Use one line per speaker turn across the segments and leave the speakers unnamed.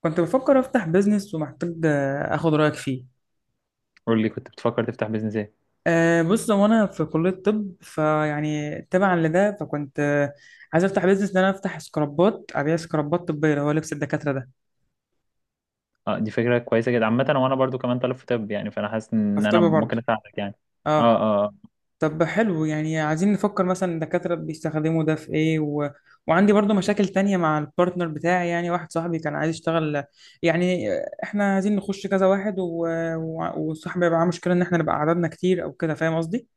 كنت بفكر افتح بيزنس ومحتاج اخد رايك فيه.
قول لي، كنت بتفكر تفتح بيزنس ايه؟
بص، هو انا في كليه طب، فيعني تبعا لده فكنت عايز افتح بيزنس ان انا افتح سكرابات، ابيع سكرابات طبيه اللي هو لبس الدكاتره ده.
اه، دي فكره كويسه جدا عامه، وانا برضو كمان طالب في طب، يعني فانا حاسس ان
في طب
انا
برضه.
ممكن اساعدك يعني.
اه.
اه، اه،
طب حلو، يعني عايزين نفكر مثلا الدكاتره بيستخدموا ده في ايه وعندي برضه مشاكل تانية مع البارتنر بتاعي، يعني واحد صاحبي كان عايز يشتغل، يعني احنا عايزين نخش كذا واحد وصاحبي يبقى معاه مشكله ان احنا نبقى عددنا كتير او كده، فاهم قصدي؟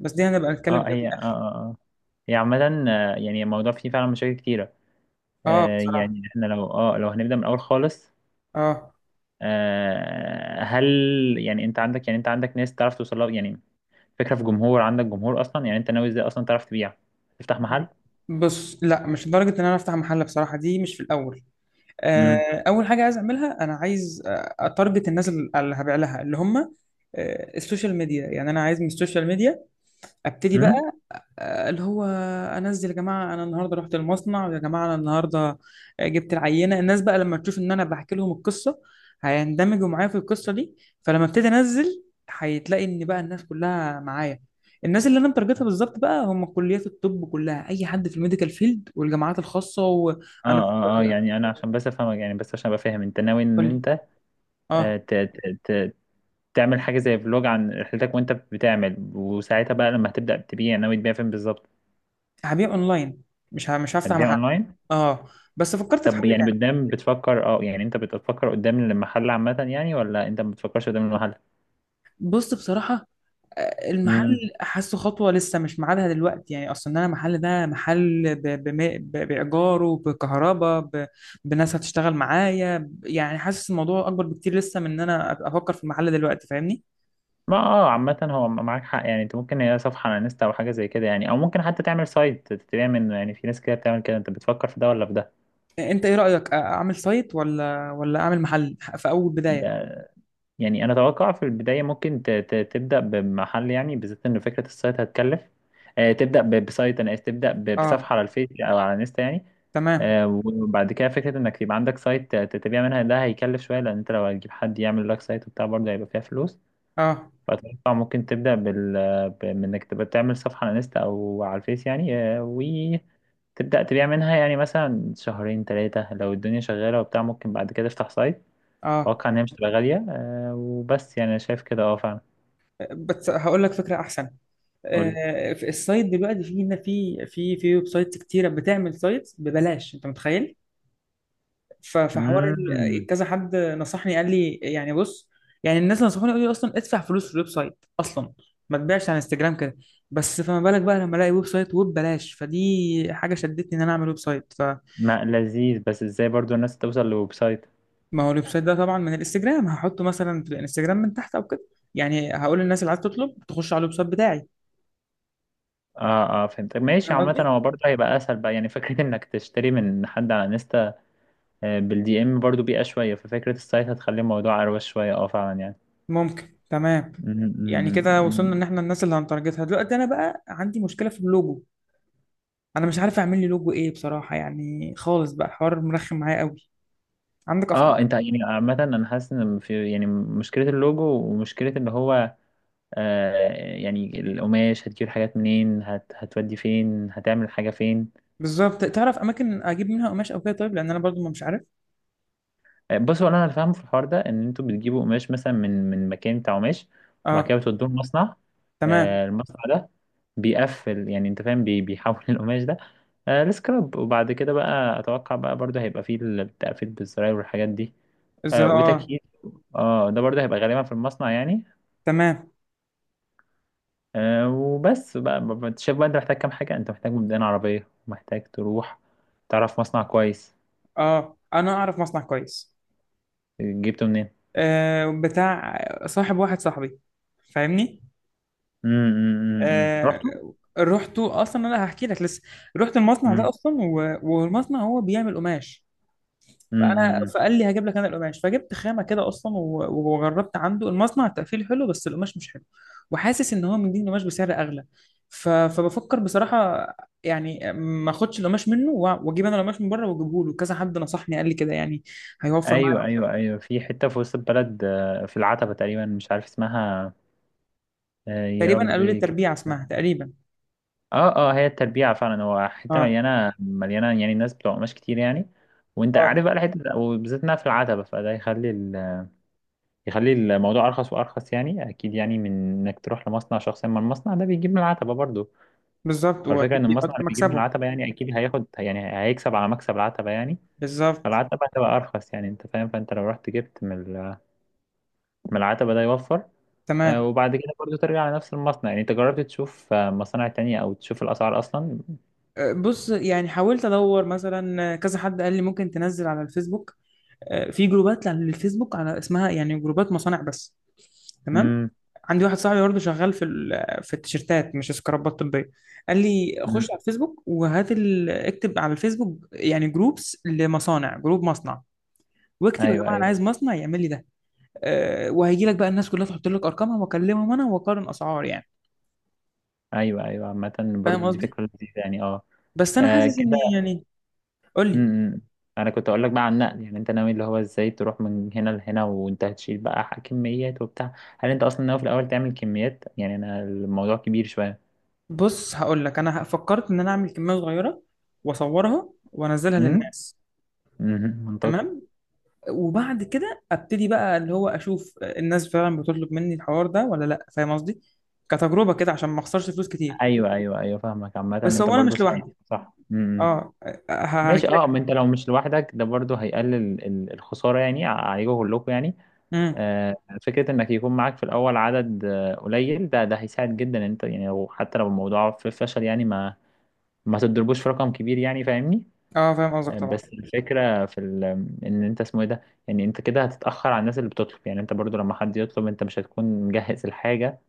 بس دي هنبقى
اه،
نتكلم
آه،
فيها في
هي، اه، اه،
الآخر.
آه. هي عامه. يعني الموضوع فيه فعلا مشاكل كتيره.
اه بصراحة،
يعني احنا لو هنبدا من الاول خالص.
اه.
آه هل يعني انت عندك، ناس تعرف توصل لها، يعني فكره في جمهور، عندك جمهور اصلا؟ يعني انت ناوي ازاي اصلا تعرف تبيع، تفتح محل؟
بص، لا، مش لدرجة ان انا افتح محل بصراحة، دي مش في الاول.
امم.
اول حاجة عايز اعملها، انا عايز اتارجت الناس اللي هبيع لها، اللي هم السوشيال ميديا. يعني انا عايز من السوشيال ميديا ابتدي بقى،
امم.
اللي هو انزل، يا جماعه انا النهارده رحت المصنع، ويا جماعه انا النهارده جبت العينه. الناس بقى لما تشوف ان انا بحكي لهم القصه، هيندمجوا معايا في القصه دي. فلما ابتدي انزل، هتلاقي ان بقى الناس كلها معايا. الناس اللي انا مترجتها بالظبط بقى هم كليات الطب كلها، اي حد في الميديكال فيلد والجامعات الخاصه،
اه،
وانا
اه، اه، يعني انا عشان بس افهمك، يعني بس عشان ابقى فاهم، انت ناوي
قول
ان
لي.
انت آه،
اه.
ت- ت- ت- تعمل حاجة زي فلوج عن رحلتك وانت بتعمل، وساعتها بقى لما هتبدأ تبيع ناوي تبيع فين بالظبط؟
هبيع اونلاين، مش هفتح
هتبيع
محل.
اونلاين؟
اه. بس فكرت في حل
طب يعني
تاني.
قدام بتفكر، يعني انت بتفكر قدام المحل عامة يعني، ولا انت ما بتفكرش قدام المحل؟
بص بصراحه، المحل
امم.
حاسه خطوة لسه مش ميعادها دلوقتي، يعني أصلا أنا المحل ده محل بإيجاره، بكهرباء، بناس هتشتغل معايا، يعني حاسس الموضوع أكبر بكتير لسه من إن أنا أبقى أفكر في المحل دلوقتي، فاهمني؟
ما، عامة هو معاك حق، يعني انت ممكن هي صفحة على انستا او حاجة زي كده يعني، او ممكن حتى تعمل سايت تبيع منه يعني، في ناس كده بتعمل كده، انت بتفكر في ده ولا في ده؟
أنت إيه رأيك، أعمل سايت ولا أعمل محل في أول بداية؟
ده، يعني انا اتوقع في البدايه ممكن تبدا بمحل، يعني بالذات ان فكره السايت هتكلف. تبدا بسايت، انا آسف، تبدا
أه.
بصفحه على الفيس او على انستا يعني.
تمام.
وبعد كده فكره انك يبقى عندك سايت تبيع منها، ده هيكلف شويه، لان انت لو هتجيب حد يعمل لك سايت وبتاع برضه هيبقى فيها فلوس.
أه.
فاتوقع ممكن من انك تبقى تعمل صفحه على انستا او على الفيس، يعني وتبدا تبيع منها، يعني مثلا شهرين ثلاثه لو الدنيا شغاله وبتاع ممكن بعد كده تفتح سايت.
أه.
اتوقع ان هي مش تبقى غاليه، وبس، يعني انا شايف كده، اه، فعلا.
بس هقول لك فكرة أحسن.
قول لي.
في السايت دلوقتي، في ويب سايتس كتيره بتعمل سايتس ببلاش، انت متخيل؟ فحوار
امم.
كذا حد نصحني، قال لي يعني بص، يعني الناس اللي نصحوني قالوا لي اصلا ادفع فلوس في الويب سايت اصلا، ما تبيعش على انستجرام كده. بس فما بالك بقى لما الاقي ويب سايت وببلاش، فدي حاجه شدتني ان انا اعمل ويب سايت. فما
ما لذيذ، بس ازاي برضو الناس توصل لويب سايت؟
هو الويب سايت ده طبعا من الانستجرام، هحطه مثلا في الانستجرام من تحت او كده. يعني هقول للناس اللي عايز تطلب تخش على الويب سايت بتاعي،
اه، اه، فهمت، ماشي.
فاهم
عامة
قصدي؟
هو برضه هيبقى اسهل بقى، يعني فكرة انك تشتري من حد على انستا. بالدي ام برضه بيئة شوية، ففكرة السايت هتخلي الموضوع اروش شوية، اه، فعلا يعني.
ممكن. تمام.
مم.
يعني
مم.
كده
مم.
وصلنا ان احنا الناس اللي هنتارجتها دلوقتي. انا بقى عندي مشكله في اللوجو، انا مش عارف اعمل لي لوجو ايه بصراحه، يعني خالص بقى الحوار مرخم معايا قوي. عندك
اه،
افكار؟
انت يعني عامة انا حاسس ان في يعني مشكلة اللوجو، ومشكلة ان هو آه يعني القماش هتجيب الحاجات منين، هتودي فين، هتعمل حاجة فين؟
بالظبط، تعرف اماكن اجيب منها قماش او كده طيب، لان انا برضو ما مش عارف.
بصوا، انا اللي فاهمه في الحوار ده ان انتوا بتجيبوا قماش مثلا من مكان بتاع قماش، وبعد
اه.
كده بتودوه المصنع.
تمام.
المصنع ده بيقفل، يعني انت فاهم، بيحول القماش ده لسكراب، وبعد كده بقى اتوقع بقى برضه هيبقى فيه التقفيل بالزراير والحاجات دي
الزراعه، اه.
وتكييف. اه، ده برضه هيبقى غالبا في المصنع يعني.
تمام.
وبس بقى، انت شايف بقى انت محتاج كام حاجه؟ انت محتاج مبدئيا عربيه، محتاج تروح تعرف مصنع كويس.
اه، انا اعرف مصنع كويس.
جبته منين؟
بتاع صاحب واحد صاحبي، فاهمني؟
امم.
آه
رحتوا؟
رحت اصلا، انا هحكي لك لسه. رحت المصنع ده
امم.
اصلا، والمصنع هو بيعمل قماش.
امم، امم، امم.
فقال لي هجيب لك انا القماش، فجبت خامه كده اصلا، وجربت عنده المصنع. التقفيل حلو، بس القماش مش حلو، وحاسس ان هو مديني قماش بسعر اغلى. فبفكر بصراحه يعني ما اخدش القماش منه، واجيب انا القماش من بره واجيبه له. كذا حد نصحني قال لي كده، يعني هيوفر معايا
ايوه،
اكتر.
ايوه، ايوه، في حته في وسط البلد في العتبه تقريبا، مش عارف اسمها. يا
تقريبا قالوا لي
ربي، كان
التربيع اسمها
اسمها.
تقريبا.
اه، اه، هي التربيع فعلا، هو حته
اه.
مليانه مليانه يعني، الناس بتوع قماش كتير يعني. وانت
اه.
عارف بقى الحته، وبالذات انها في العتبه، فده يخلي الموضوع ارخص وارخص، يعني اكيد يعني، من انك تروح لمصنع شخصيا، ما المصنع ده بيجيب من العتبه برضه.
بالظبط،
فالفكره
واكيد
ان المصنع
بيحط
اللي بيجيب من
مكسبه.
العتبه يعني اكيد هياخد، يعني هيكسب على مكسب العتبه يعني.
بالظبط.
فالعتبه هتبقى ارخص، يعني انت فاهم، فانت لو رحت جبت من العتبه ده يوفر.
تمام.
وبعد كده برضو ترجع على نفس المصنع، يعني انت جربت تشوف مصانع تانية، او تشوف الاسعار اصلا؟
بص يعني حاولت ادور مثلا. كذا حد قال لي ممكن تنزل على الفيسبوك، في جروبات على الفيسبوك على اسمها، يعني جروبات مصانع بس. تمام.
امم.
عندي واحد صاحبي برضه شغال في في التيشيرتات، مش سكرابات طبيه، قال لي خش
أمم.
على الفيسبوك وهات اكتب على الفيسبوك يعني جروبس لمصانع، جروب مصنع، واكتب يا
ايوه،
جماعه انا
ايوه،
عايز مصنع يعمل لي ده. أه، وهيجي لك بقى الناس كلها تحط لك ارقامها، واكلمهم انا واقارن اسعار يعني.
ايوه. ايوه، عامة
فاهم
برضو دي
قصدي؟
فكرة لذيذة يعني، اه.
بس انا حاسس ان
كده.
يعني، قول لي.
امم. انا كنت اقول لك بقى عن النقل، يعني انت ناوي اللي هو ازاي تروح من هنا لهنا وانت هتشيل بقى، كميات وبتاع؟ هل انت اصلا ناوي في الاول تعمل كميات؟ يعني انا الموضوع كبير شوية.
بص هقول لك، انا فكرت ان انا اعمل كميه صغيره واصورها وانزلها
امم.
للناس.
أمم، منطقي.
تمام. وبعد كده ابتدي بقى، اللي هو اشوف الناس فعلا بتطلب مني الحوار ده ولا لا، فاهم قصدي؟ كتجربه كده عشان ما اخسرش فلوس كتير.
ايوه، ايوه، ايوه فاهمك، عامة
بس
انت
انا فاهم، مش
برضو
قصدك
ساينس.
لوحدي.
صح. امم.
اه.
ماشي،
هجيلك.
ما انت لو مش لوحدك ده برضه هيقلل الخسارة يعني عليكم كلكم يعني.
امم.
آه، فكرة انك يكون معاك في الاول عدد قليل، ده ده هيساعد جدا إن انت يعني، حتى لو الموضوع في فشل، يعني ما تضربوش في رقم كبير، يعني فاهمني.
اه، فاهم قصدك طبعا.
بس الفكرة ان انت اسمه ايه ده، يعني انت كده هتتأخر على الناس اللي بتطلب، يعني انت برضه لما حد يطلب انت مش هتكون مجهز الحاجة.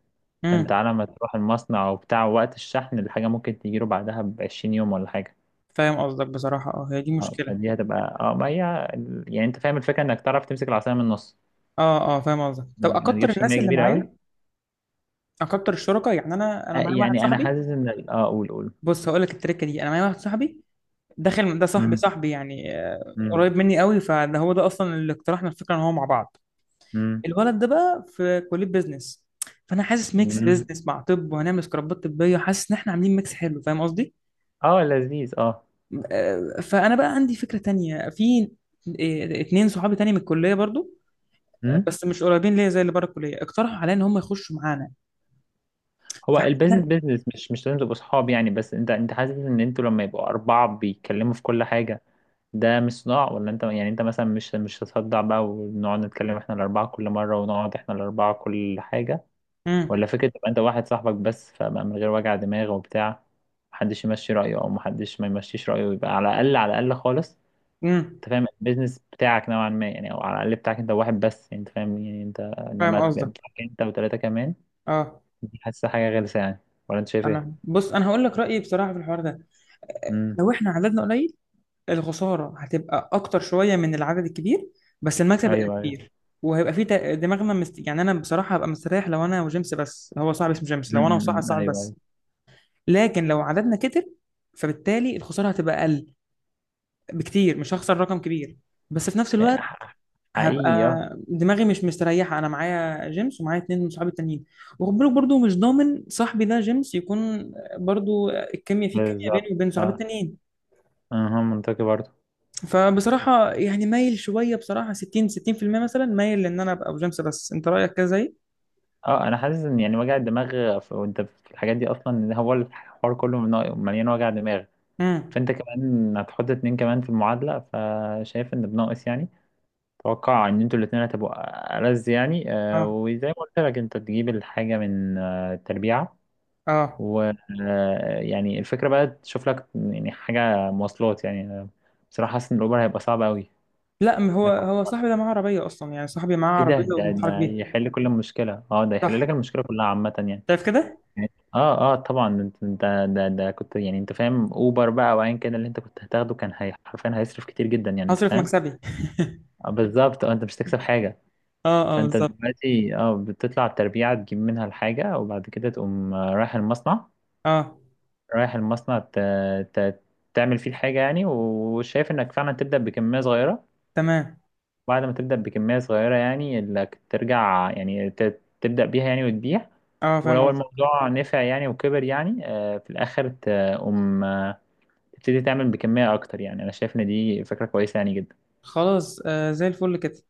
فانت
امم.
على ما تروح المصنع وبتاع وقت الشحن، الحاجة ممكن تجيله بعدها ب 20 يوم ولا حاجة.
فاهم قصدك بصراحه، اه هي دي
اه،
مشكله.
فدي هتبقى، ما هي، يعني انت فاهم الفكره انك تعرف تمسك العصايه من النص.
اه. اه، فاهم قصدك. طب
ما
اكتر
تجيبش
الناس
كميه
اللي
كبيره
معايا،
قوي.
اكتر الشركاء يعني، انا معايا واحد
يعني انا
صاحبي.
حاسس ان قول قول.
بص هقول لك التركه دي، انا معايا واحد صاحبي داخل ده، صاحبي
امم.
صاحبي يعني،
امم.
قريب مني قوي. فده هو ده اصلا اللي اقترحنا الفكره ان هو مع بعض.
امم.
الولد ده بقى في كليه بيزنس، فانا حاسس ميكس
امم.
بيزنس مع طب، وهنعمل سكرابات طبيه. حاسس ان احنا عاملين ميكس حلو، فاهم قصدي؟
اه، لذيذ، اه.
فانا بقى عندي فكره تانية في اتنين صحابي تاني من الكليه برضو،
امم.
بس مش قريبين ليا زي اللي بره الكليه، اقترحوا عليا ان هم يخشوا معانا.
هو
فكده.
البيزنس بيزنس، مش لازم تبقوا صحاب، يعني بس انت حاسس ان انتوا لما يبقوا اربعه بيتكلموا في كل حاجه، ده مش صداع؟ ولا انت يعني انت مثلا مش هتصدع بقى ونقعد نتكلم احنا الاربعه كل مره ونقعد احنا الاربعه كل حاجه،
امم.
ولا فكرة تبقى انت واحد صاحبك بس، فبقى من غير وجع دماغ وبتاع، محدش يمشي رأيه او محدش ما يمشيش رأيه، يبقى على الأقل على الأقل خالص
امم.
انت فاهم البيزنس بتاعك نوعا ما يعني، او على الأقل بتاعك انت واحد بس، يعني انت فاهم، يعني انت
فاهم
انما تبقى
قصدك.
بتاعك انت وثلاثة كمان.
اه.
دي حاسة حاجة غلسة يعني، ولا انت شايف ايه؟
انا بص، انا هقول لك رايي بصراحه في الحوار ده.
امم.
لو احنا عددنا قليل، الخسارة هتبقى أكتر شوية من العدد الكبير، بس المكسب هيبقى
ايوه، ايوه.
كبير، وهيبقى في دماغنا يعني أنا بصراحة هبقى مستريح لو أنا وجيمس بس، هو صاحبي اسمه جيمس،
امم.
لو أنا وصاحبي
أمم،
صاحب بس.
ايوه.
لكن لو عددنا كتر، فبالتالي الخسارة هتبقى أقل بكتير، مش هخسر رقم كبير، بس في نفس الوقت
ايوه،
هبقى
حقيقي، اه.
دماغي مش مستريحة، أنا معايا جيمس ومعايا اتنين من صحابي التانيين. وخد بالك برضه، مش ضامن صاحبي ده جيمس يكون برضه الكيمياء، فيه كيمياء
بالظبط،
بيني وبين صحابي
اه.
التانيين.
اها، منطقي برضه.
فبصراحة يعني مايل شوية، بصراحة 60% مثلا مايل لان انا ابقى بجيمس بس، انت رأيك كده زي؟
اه، انا حاسس ان يعني وجع الدماغ وانت في الحاجات دي اصلا، ان هو الحوار كله مليان وجع دماغ.
امم.
فانت كمان هتحط اتنين كمان في المعادلة، فشايف ان بناقص يعني. اتوقع ان انتوا الاتنين هتبقوا ألذ يعني،
اه.
وزي ما قلت لك انت تجيب الحاجة من التربيعة،
اه.
و يعني الفكرة بقى تشوف لك يعني حاجة مواصلات، يعني أنا بصراحة حاسس ان الاوبر هيبقى صعب قوي.
لا، ما هو
إنك-
هو صاحبي ده معاه عربية اصلا، يعني صاحبي معاه
ايه ده،
عربية
ده
وبنتحرك
ده
بيها.
يحل كل المشكلة، اه، ده
صح.
يحل لك المشكلة كلها عامة يعني.
شايف كده.
اه، اه، طبعا، ده كنت، يعني انت فاهم اوبر بقى، وايا كان اللي انت كنت هتاخده كان، هي حرفيا هيصرف كتير جدا، يعني انت
هصرف
فاهم.
مكسبي
بالظبط، اه، انت مش هتكسب حاجة.
اه. اه،
فانت
بالظبط.
دلوقتي اه بتطلع التربيعة، تجيب منها الحاجة، وبعد كده تقوم
اه.
رايح المصنع ت... تعمل فيه الحاجة، يعني وشايف انك فعلا تبدأ بكمية صغيرة.
تمام.
بعد ما تبدأ بكمية صغيرة، يعني انك ترجع، يعني تبدأ بيها، يعني وتبيع.
اه، فاهم
ولو
قصدك.
الموضوع نفع يعني وكبر يعني، في الآخر تقوم تبتدي تعمل بكمية أكتر، يعني أنا شايف إن دي فكرة كويسة يعني جدا.
خلاص، آه زي الفل كده.